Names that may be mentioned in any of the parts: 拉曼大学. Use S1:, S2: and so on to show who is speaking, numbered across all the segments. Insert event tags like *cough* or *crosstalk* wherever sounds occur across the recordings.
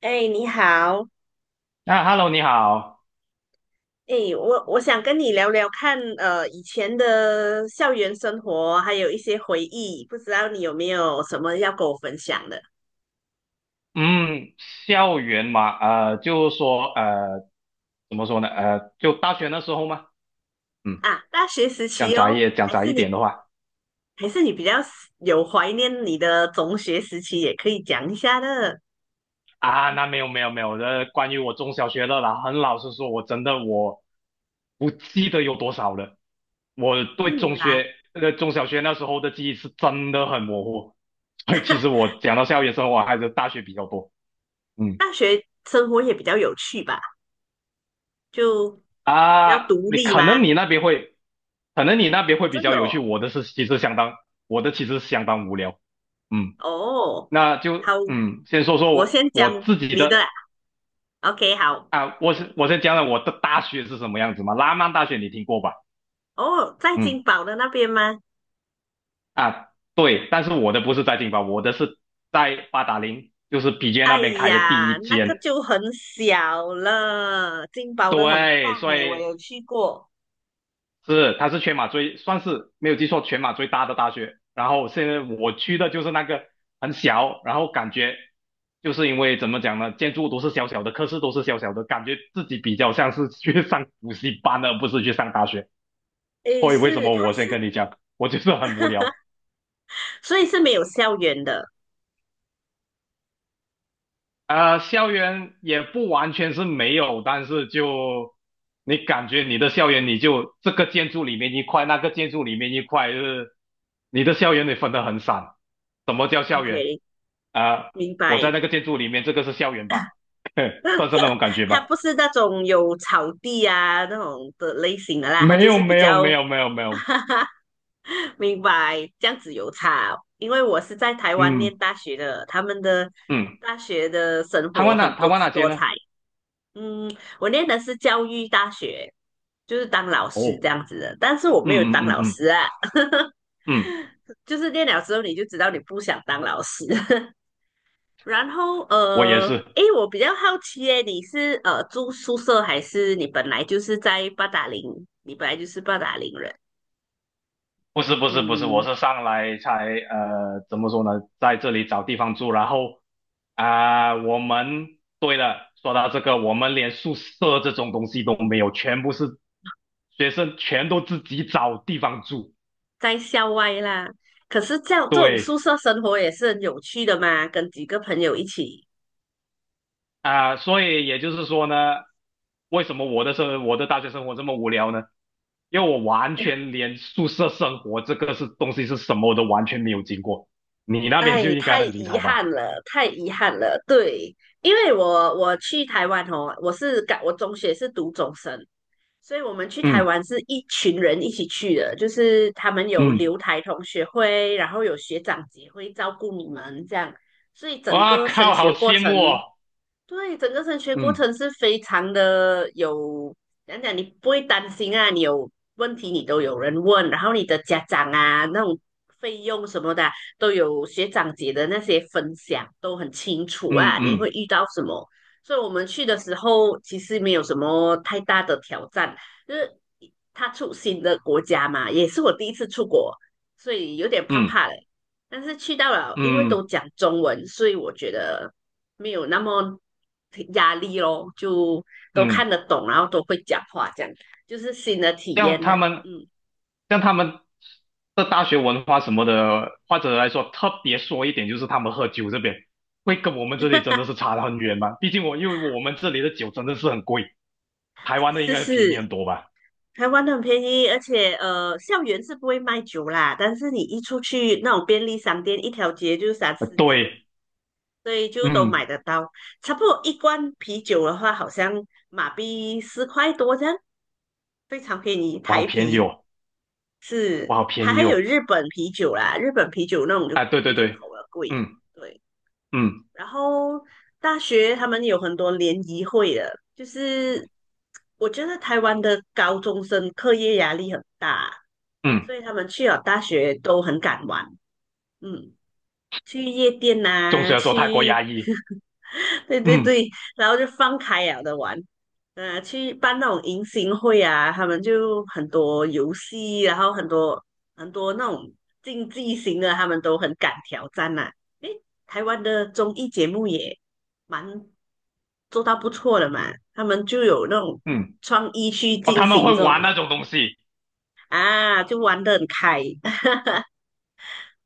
S1: 哎，你好。
S2: 啊，Hello，你好。
S1: 哎，我想跟你聊聊看，以前的校园生活，还有一些回忆，不知道你有没有什么要跟我分享的。
S2: 嗯，校园嘛，就是说，怎么说呢？就大学那时候嘛。嗯。
S1: 啊？大学时期哦，
S2: 讲
S1: 还
S2: 窄
S1: 是
S2: 一点
S1: 你
S2: 的话，
S1: 比较有怀念你的中学时期，也可以讲一下的。
S2: 啊，那没有没有没有，关于我中小学的啦。很老实说，我真的我不记得有多少了。我对
S1: 不
S2: 中
S1: 然
S2: 学，呃，中小学那时候的记忆是真的很模糊。*laughs* 所以其实我讲到校园生活还是大学比较多。嗯。
S1: 生活也比较有趣吧，就比较
S2: 啊，
S1: 独
S2: 你
S1: 立
S2: 可能
S1: 嘛。
S2: 你那边会，可能你那边会比
S1: 真
S2: 较
S1: 的
S2: 有
S1: 哦。
S2: 趣，我的其实相当无聊。嗯。
S1: 哦，
S2: 那
S1: 好，
S2: 就先说说
S1: 我
S2: 我
S1: 先
S2: 我
S1: 讲
S2: 自己
S1: 你的
S2: 的。
S1: 啊，OK，好。
S2: 啊，我先讲讲我的大学是什么样子嘛。拉曼大学你听过吧？
S1: 哦，在金
S2: 嗯。
S1: 宝的那边吗？
S2: 啊，对。但是我的不是在金巴，我的是在八达岭，就是比杰那
S1: 哎
S2: 边开的第
S1: 呀，
S2: 一
S1: 那个
S2: 间。
S1: 就很小了，金宝的很
S2: 对，
S1: 棒
S2: 所
S1: 诶，我
S2: 以
S1: 有去过。
S2: 是，它是全马最，算是没有记错，全马最大的大学。然后现在我去的就是那个很小，然后感觉就是因为怎么讲呢，建筑都是小小的，科室都是小小的，感觉自己比较像是去上 *laughs* 补习班而不是去上大学。
S1: 诶，
S2: 所以为什
S1: 是，
S2: 么
S1: 它
S2: 我先
S1: 是，
S2: 跟你讲，我就是很无聊。
S1: 所以是没有校园的。
S2: 校园也不完全是没有，但是就你感觉你的校园，你就这个建筑里面一块，那个建筑里面一块，就是你的校园得分得很散。什么叫校园？
S1: OK，
S2: 啊，
S1: 明
S2: 我在
S1: 白。
S2: 那个建筑里面，这个是校园吧？*laughs* 算是那
S1: *laughs*
S2: 种感觉
S1: 它
S2: 吧。
S1: 不是那种有草地啊那种的类型的啦，它
S2: 没
S1: 就
S2: 有，
S1: 是比
S2: 没有，
S1: 较，
S2: 没有，没有，没
S1: *laughs*
S2: 有。
S1: 哈哈，明白，这样子有差哦。因为我是在台湾念
S2: 嗯
S1: 大学的，他们的
S2: 嗯。
S1: 大学的生活很
S2: 台
S1: 多
S2: 湾
S1: 姿
S2: 哪街
S1: 多
S2: 呢？
S1: 彩。嗯，我念的是教育大学，就是当老师
S2: 哦。
S1: 这样子的，但是我没有
S2: 嗯嗯
S1: 当
S2: 嗯
S1: 老师
S2: 嗯
S1: 啊，
S2: 嗯。
S1: 就是念了之后你就知道你不想当老师。*laughs* 然后
S2: 我也是。
S1: 诶，我比较好奇诶，你是住宿舍还是你本来就是在八达岭？你本来就是八达岭人，
S2: 不是不是不是，我
S1: 嗯，
S2: 是上来才怎么说呢，在这里找地方住，然后啊，对了，说到这个，我们连宿舍这种东西都没有，全部是学生全都自己找地方住。
S1: 在校外啦。可是这样这种宿
S2: 对，
S1: 舍生活也是很有趣的嘛，跟几个朋友一起。
S2: 啊，所以也就是说呢，为什么我的大学生活这么无聊呢？因为我完全连宿舍生活这个是东西是什么我都完全没有经过，你那边就
S1: 哎，
S2: 应该
S1: 太
S2: 很精
S1: 遗
S2: 彩吧？
S1: 憾了，太遗憾了。对，因为我去台湾哦，我是感我中学是读中生，所以我们去台
S2: 嗯
S1: 湾是一群人一起去的，就是他们有
S2: 嗯。
S1: 留台同学会，然后有学长姐会照顾你们这样，所以整
S2: 哇
S1: 个升
S2: 靠，
S1: 学
S2: 好
S1: 过
S2: 羡
S1: 程
S2: 慕哦！
S1: 对，整个升学过
S2: 嗯
S1: 程是非常的有，讲讲你不会担心啊，你有问题你都有人问，然后你的家长啊那种费用什么的啊都有学长姐的那些分享都很清楚
S2: 嗯
S1: 啊，你会
S2: 嗯
S1: 遇到什么？所以我们去的时候其实没有什么太大的挑战，就是他出新的国家嘛，也是我第一次出国，所以有点怕怕
S2: 嗯
S1: 嘞。但是去到了，因为都
S2: 嗯
S1: 讲中文，所以我觉得没有那么压力咯，就都看
S2: 嗯。
S1: 得懂，然后都会讲话，这样就是新的体
S2: 像
S1: 验呢。
S2: 他们，
S1: 嗯，
S2: 像他们的大学文化什么的，或者来说特别说一点，就是他们喝酒这边会跟我们这里真的是差得很远嘛。毕竟因为我们这里的酒真的是很贵，台湾的应
S1: 是是
S2: 该便宜
S1: 是，
S2: 很多吧？
S1: 台湾很便宜。而且校园是不会卖酒啦，但是你一出去那种便利商店，一条街就三四间，
S2: 对。
S1: 所以就都
S2: 嗯。
S1: 买得到。差不多一罐啤酒的话，好像马币四块多这样，非常便宜。
S2: 哇，好
S1: 台
S2: 便宜
S1: 啤
S2: 哦。
S1: 是，
S2: 哇，好
S1: 还
S2: 便
S1: 还
S2: 宜
S1: 有
S2: 哦。
S1: 日本啤酒啦，日本啤酒那种就
S2: 啊，对对
S1: 进
S2: 对。
S1: 口的贵，
S2: 嗯
S1: 对。
S2: 嗯
S1: 然后大学他们有很多联谊会的，就是我觉得台湾的高中生课业压力很大，
S2: 嗯。
S1: 所以他们去了大学都很敢玩。嗯，去夜店
S2: 总
S1: 呐、
S2: 学的说候泰国
S1: 去，
S2: 压抑。
S1: *laughs* 对对
S2: 嗯
S1: 对，然后就放开了的玩。去办那种迎新会啊，他们就很多游戏，然后很多那种竞技型的，他们都很敢挑战呐、诶，台湾的综艺节目也蛮做到不错的嘛，他们就有那种
S2: 嗯。
S1: 创意去
S2: 哦，
S1: 进
S2: 他们
S1: 行
S2: 会
S1: 这种
S2: 玩那
S1: 咯。
S2: 种东西。
S1: 啊，就玩得很开，*laughs*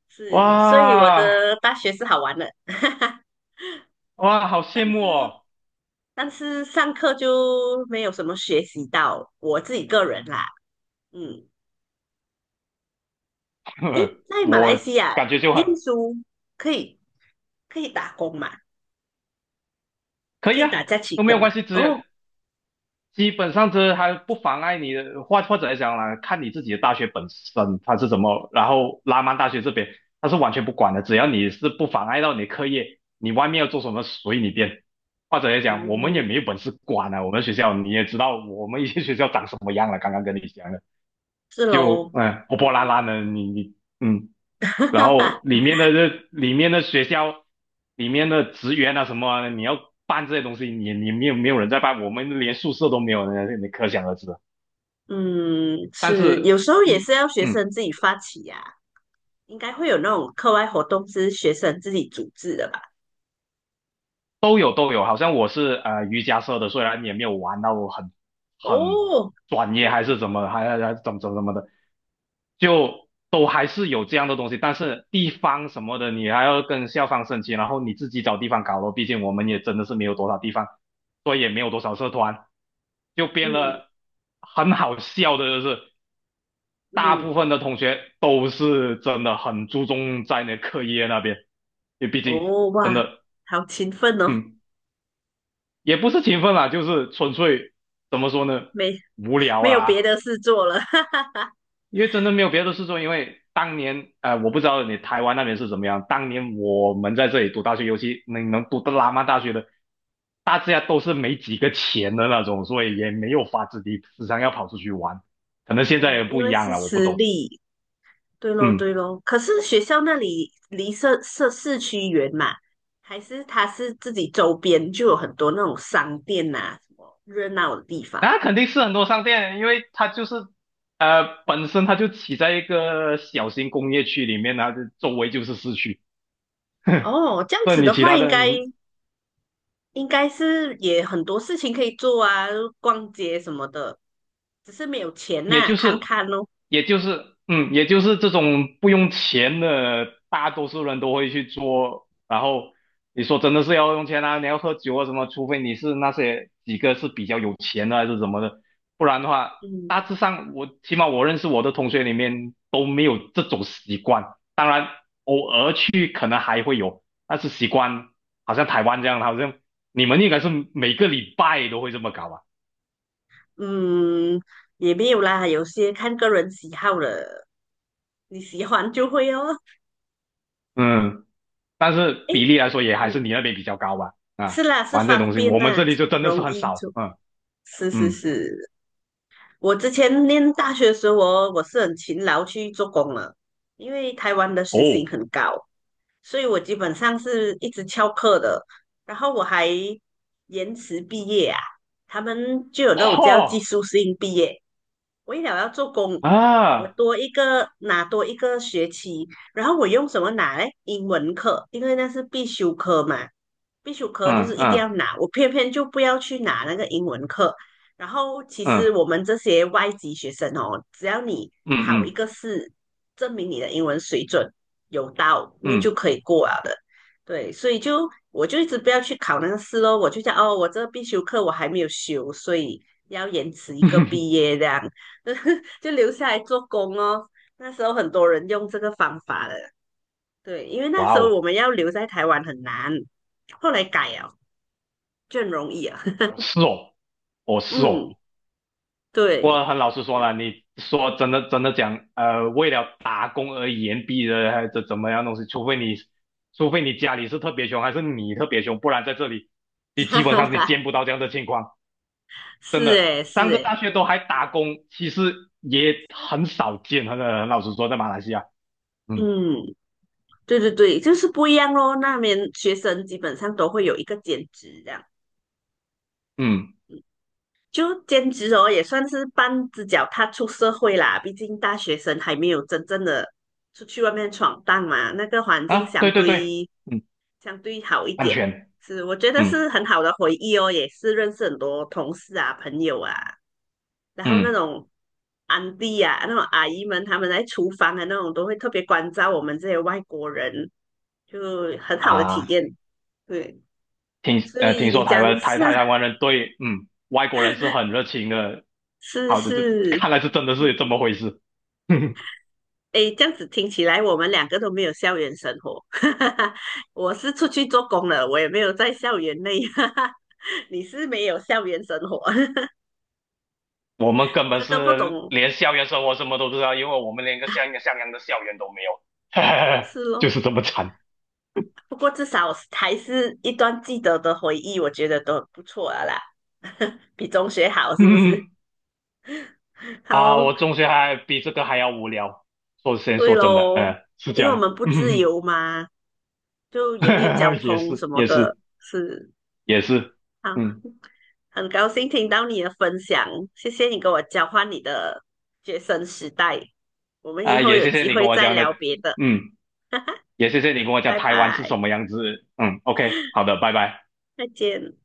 S1: 是，所以我
S2: 哇
S1: 的大学是好玩的。*laughs*
S2: 哇，好
S1: 但
S2: 羡慕
S1: 是
S2: 哦！
S1: 上课就没有什么学习到，我自己个人啦。嗯，诶，
S2: *laughs*
S1: 在马来
S2: 我
S1: 西亚
S2: 感觉就很
S1: 念书可以打工嘛？
S2: 可
S1: 可
S2: 以
S1: 以
S2: 啊，
S1: 打假期
S2: 都没
S1: 工
S2: 有
S1: 嘛？
S2: 关系，只有
S1: 哦
S2: 基本上这还不妨碍你的，或者来讲啦，看你自己的大学本身它是怎么，然后拉曼大学这边它是完全不管的，只要你是不妨碍到你的课业，你外面要做什么随你便。或者来讲，我们也
S1: 哦，
S2: 没有本事管啊，我们学校你也知道，我们一些学校长什么样了，刚刚跟你讲的。
S1: 是
S2: 就
S1: 喽。
S2: 破破烂烂的，你你嗯，然后
S1: *laughs*
S2: 里面的学校里面的职员啊什么啊你要办这些东西，你没有人在办，我们连宿舍都没有，你可想而知了。
S1: 嗯，是，有时候也是
S2: 一
S1: 要学生
S2: 嗯。
S1: 自己发起呀、应该会有那种课外活动是学生自己组织的吧？
S2: 都有都有，好像我是瑜伽社的，虽然也没有玩到很
S1: 哦，
S2: 专业还是怎么，还怎么怎么怎么的，就都还是有这样的东西。但是地方什么的，你还要跟校方申请，然后你自己找地方搞咯。毕竟我们也真的是没有多少地方，所以也没有多少社团，就变
S1: 嗯
S2: 了。很好笑的就是大部
S1: 嗯，
S2: 分的同学都是真的很注重在那课业那边，因为毕竟
S1: 哦哇，
S2: 真的
S1: 好勤奋哦，
S2: 嗯也不是勤奋啦，就是纯粹怎么说呢，
S1: 没
S2: 无聊
S1: 没有别
S2: 啦。
S1: 的事做了。*laughs*
S2: 因为真的没有别的事做，因为当年我不知道你台湾那边是怎么样。当年我们在这里读大学，尤其能读到拉曼大学的，大家都是没几个钱的那种，所以也没有法子地时常要跑出去玩。可能现在也
S1: 哦，因
S2: 不一
S1: 为
S2: 样
S1: 是
S2: 了，我不
S1: 私
S2: 懂。
S1: 立，对咯
S2: 嗯。
S1: 对咯。可是学校那里离社市区远嘛，还是它是自己周边就有很多那种商店呐、什么热闹的地方。
S2: 那肯定是很多商店，因为它就是本身它就起在一个小型工业区里面，然后就周围就是市区。
S1: 哦，这样
S2: 那
S1: 子
S2: 你
S1: 的
S2: 其
S1: 话，
S2: 他
S1: 应该
S2: 的
S1: 是也很多事情可以做啊，逛街什么的，只是没有钱
S2: 也
S1: 呐、
S2: 就
S1: 看
S2: 是
S1: 看咯。
S2: 也就是这种不用钱的，大多数人都会去做。然后你说真的是要用钱啊，你要喝酒啊什么，除非你是那些几个是比较有钱的还是什么的，不然的话，
S1: 嗯
S2: 大致上我起码我认识我的同学里面都没有这种习惯。当然，偶尔去可能还会有，但是习惯好像台湾这样，好像你们应该是每个礼拜都会这么搞吧？
S1: 嗯，也没有啦，有些看个人喜好了，你喜欢就会哦。*laughs*
S2: 嗯。但是比
S1: 诶。
S2: 例来说也还
S1: 嗯，
S2: 是你那边比较高吧？
S1: 是
S2: 啊，
S1: 啦，是
S2: 玩这
S1: 方
S2: 东西，
S1: 便
S2: 我们
S1: 啦，
S2: 这里就真的
S1: 容
S2: 是很
S1: 易
S2: 少。
S1: 做。
S2: 嗯
S1: 是是
S2: 嗯。
S1: 是，我之前念大学的时候我是很勤劳去做工了，因为台湾的时薪
S2: 哦。
S1: 很高，所以我基本上是一直翘课的。然后我还延迟毕业啊，他们就有那种叫技
S2: 哈
S1: 术性毕业，为了要做工，我
S2: 啊。
S1: 多一个拿多一个学期，然后我用什么拿嘞？英文课，因为那是必修课嘛，必修课就
S2: 嗯
S1: 是一定要
S2: 嗯
S1: 拿，我偏偏就不要去拿那个英文课。然后其实
S2: 嗯
S1: 我们这些外籍学生哦，只要你考一
S2: 嗯
S1: 个试，证明你的英文水准有到，你就
S2: 嗯
S1: 可以过了的。对，所以就我就一直不要去考那个试咯，我就想哦，我这个必修课我还没有修，所以要延迟一个
S2: 嗯。
S1: 毕业这样。*laughs* 就留下来做工哦。那时候很多人用这个方法的，对，因为
S2: *laughs*
S1: 那
S2: 哇
S1: 时候
S2: 哦。
S1: 我们要留在台湾很难，后来改了就很容易啊。*laughs*
S2: 哦是哦。哦是
S1: 嗯，
S2: 哦。
S1: 对，
S2: 我很老实说了，你说真的真的讲，为了打工而言毕的，还是怎么样东西，除非你家里是特别穷，还是你特别穷，不然在这里，你基本上你
S1: *laughs*
S2: 见不到这样的情况。
S1: 是诶，是
S2: 三个大
S1: 诶，
S2: 学都还打工，其实也很少见。很老实说，在马来西亚。嗯
S1: 嗯，对对对，就是不一样咯。那边学生基本上都会有一个兼职，这样
S2: 嗯。
S1: 就兼职哦，也算是半只脚踏出社会啦。毕竟大学生还没有真正的出去外面闯荡嘛，那个环境
S2: 啊，
S1: 相
S2: 对对对。
S1: 对
S2: 嗯。
S1: 相对好一
S2: 安
S1: 点，
S2: 全。
S1: 是我觉得
S2: 嗯
S1: 是很好的回忆哦，也是认识很多同事啊、朋友啊，然后那
S2: 嗯。
S1: 种安迪啊、那种阿姨们，他们在厨房的那种都会特别关照我们这些外国人，就很好的体
S2: 啊，
S1: 验。对，
S2: 听
S1: 所
S2: 呃
S1: 以
S2: 听
S1: 你
S2: 说台
S1: 讲一
S2: 湾台
S1: 下
S2: 台台湾人对外国人是很热情的。
S1: 是
S2: 好的，这
S1: 是，
S2: 看来是真的是这么回事。*laughs*
S1: 诶，这样子听起来我们两个都没有校园生活。*laughs* 我是出去做工了，我也没有在校园内，*laughs* 你是没有校园生活，
S2: 我们根
S1: *laughs*
S2: 本
S1: 这个不
S2: 是
S1: 懂
S2: 连校园生活什么都不知道，因为我们连个像一个像样的校园都没有，
S1: 是
S2: *laughs*
S1: 咯。
S2: 就是这么惨。
S1: 不过至少还是一段记得的回忆，我觉得都不错了啦，*laughs* 比中学好是不是？
S2: *laughs*
S1: *laughs*
S2: 啊，
S1: 好，
S2: 我中学还比这个还要无聊。说先
S1: 对
S2: 说真的，
S1: 喽，
S2: 嗯，是这
S1: 因为我
S2: 样，
S1: 们
S2: *laughs*
S1: 不自
S2: 嗯，
S1: 由嘛，就也没有交
S2: 也
S1: 通什
S2: 是，
S1: 么
S2: 也是，
S1: 的，是
S2: 也是，
S1: 好，
S2: 嗯，
S1: 很高兴听到你的分享，谢谢你跟我交换你的学生时代，我们以
S2: 啊，
S1: 后
S2: 也
S1: 有
S2: 谢谢
S1: 机
S2: 你跟
S1: 会
S2: 我
S1: 再
S2: 讲的，
S1: 聊别的，
S2: 嗯，也谢谢你跟我讲
S1: 拜
S2: 台湾是
S1: 拜，
S2: 什么样子，嗯，OK，好的，拜拜。
S1: 再见。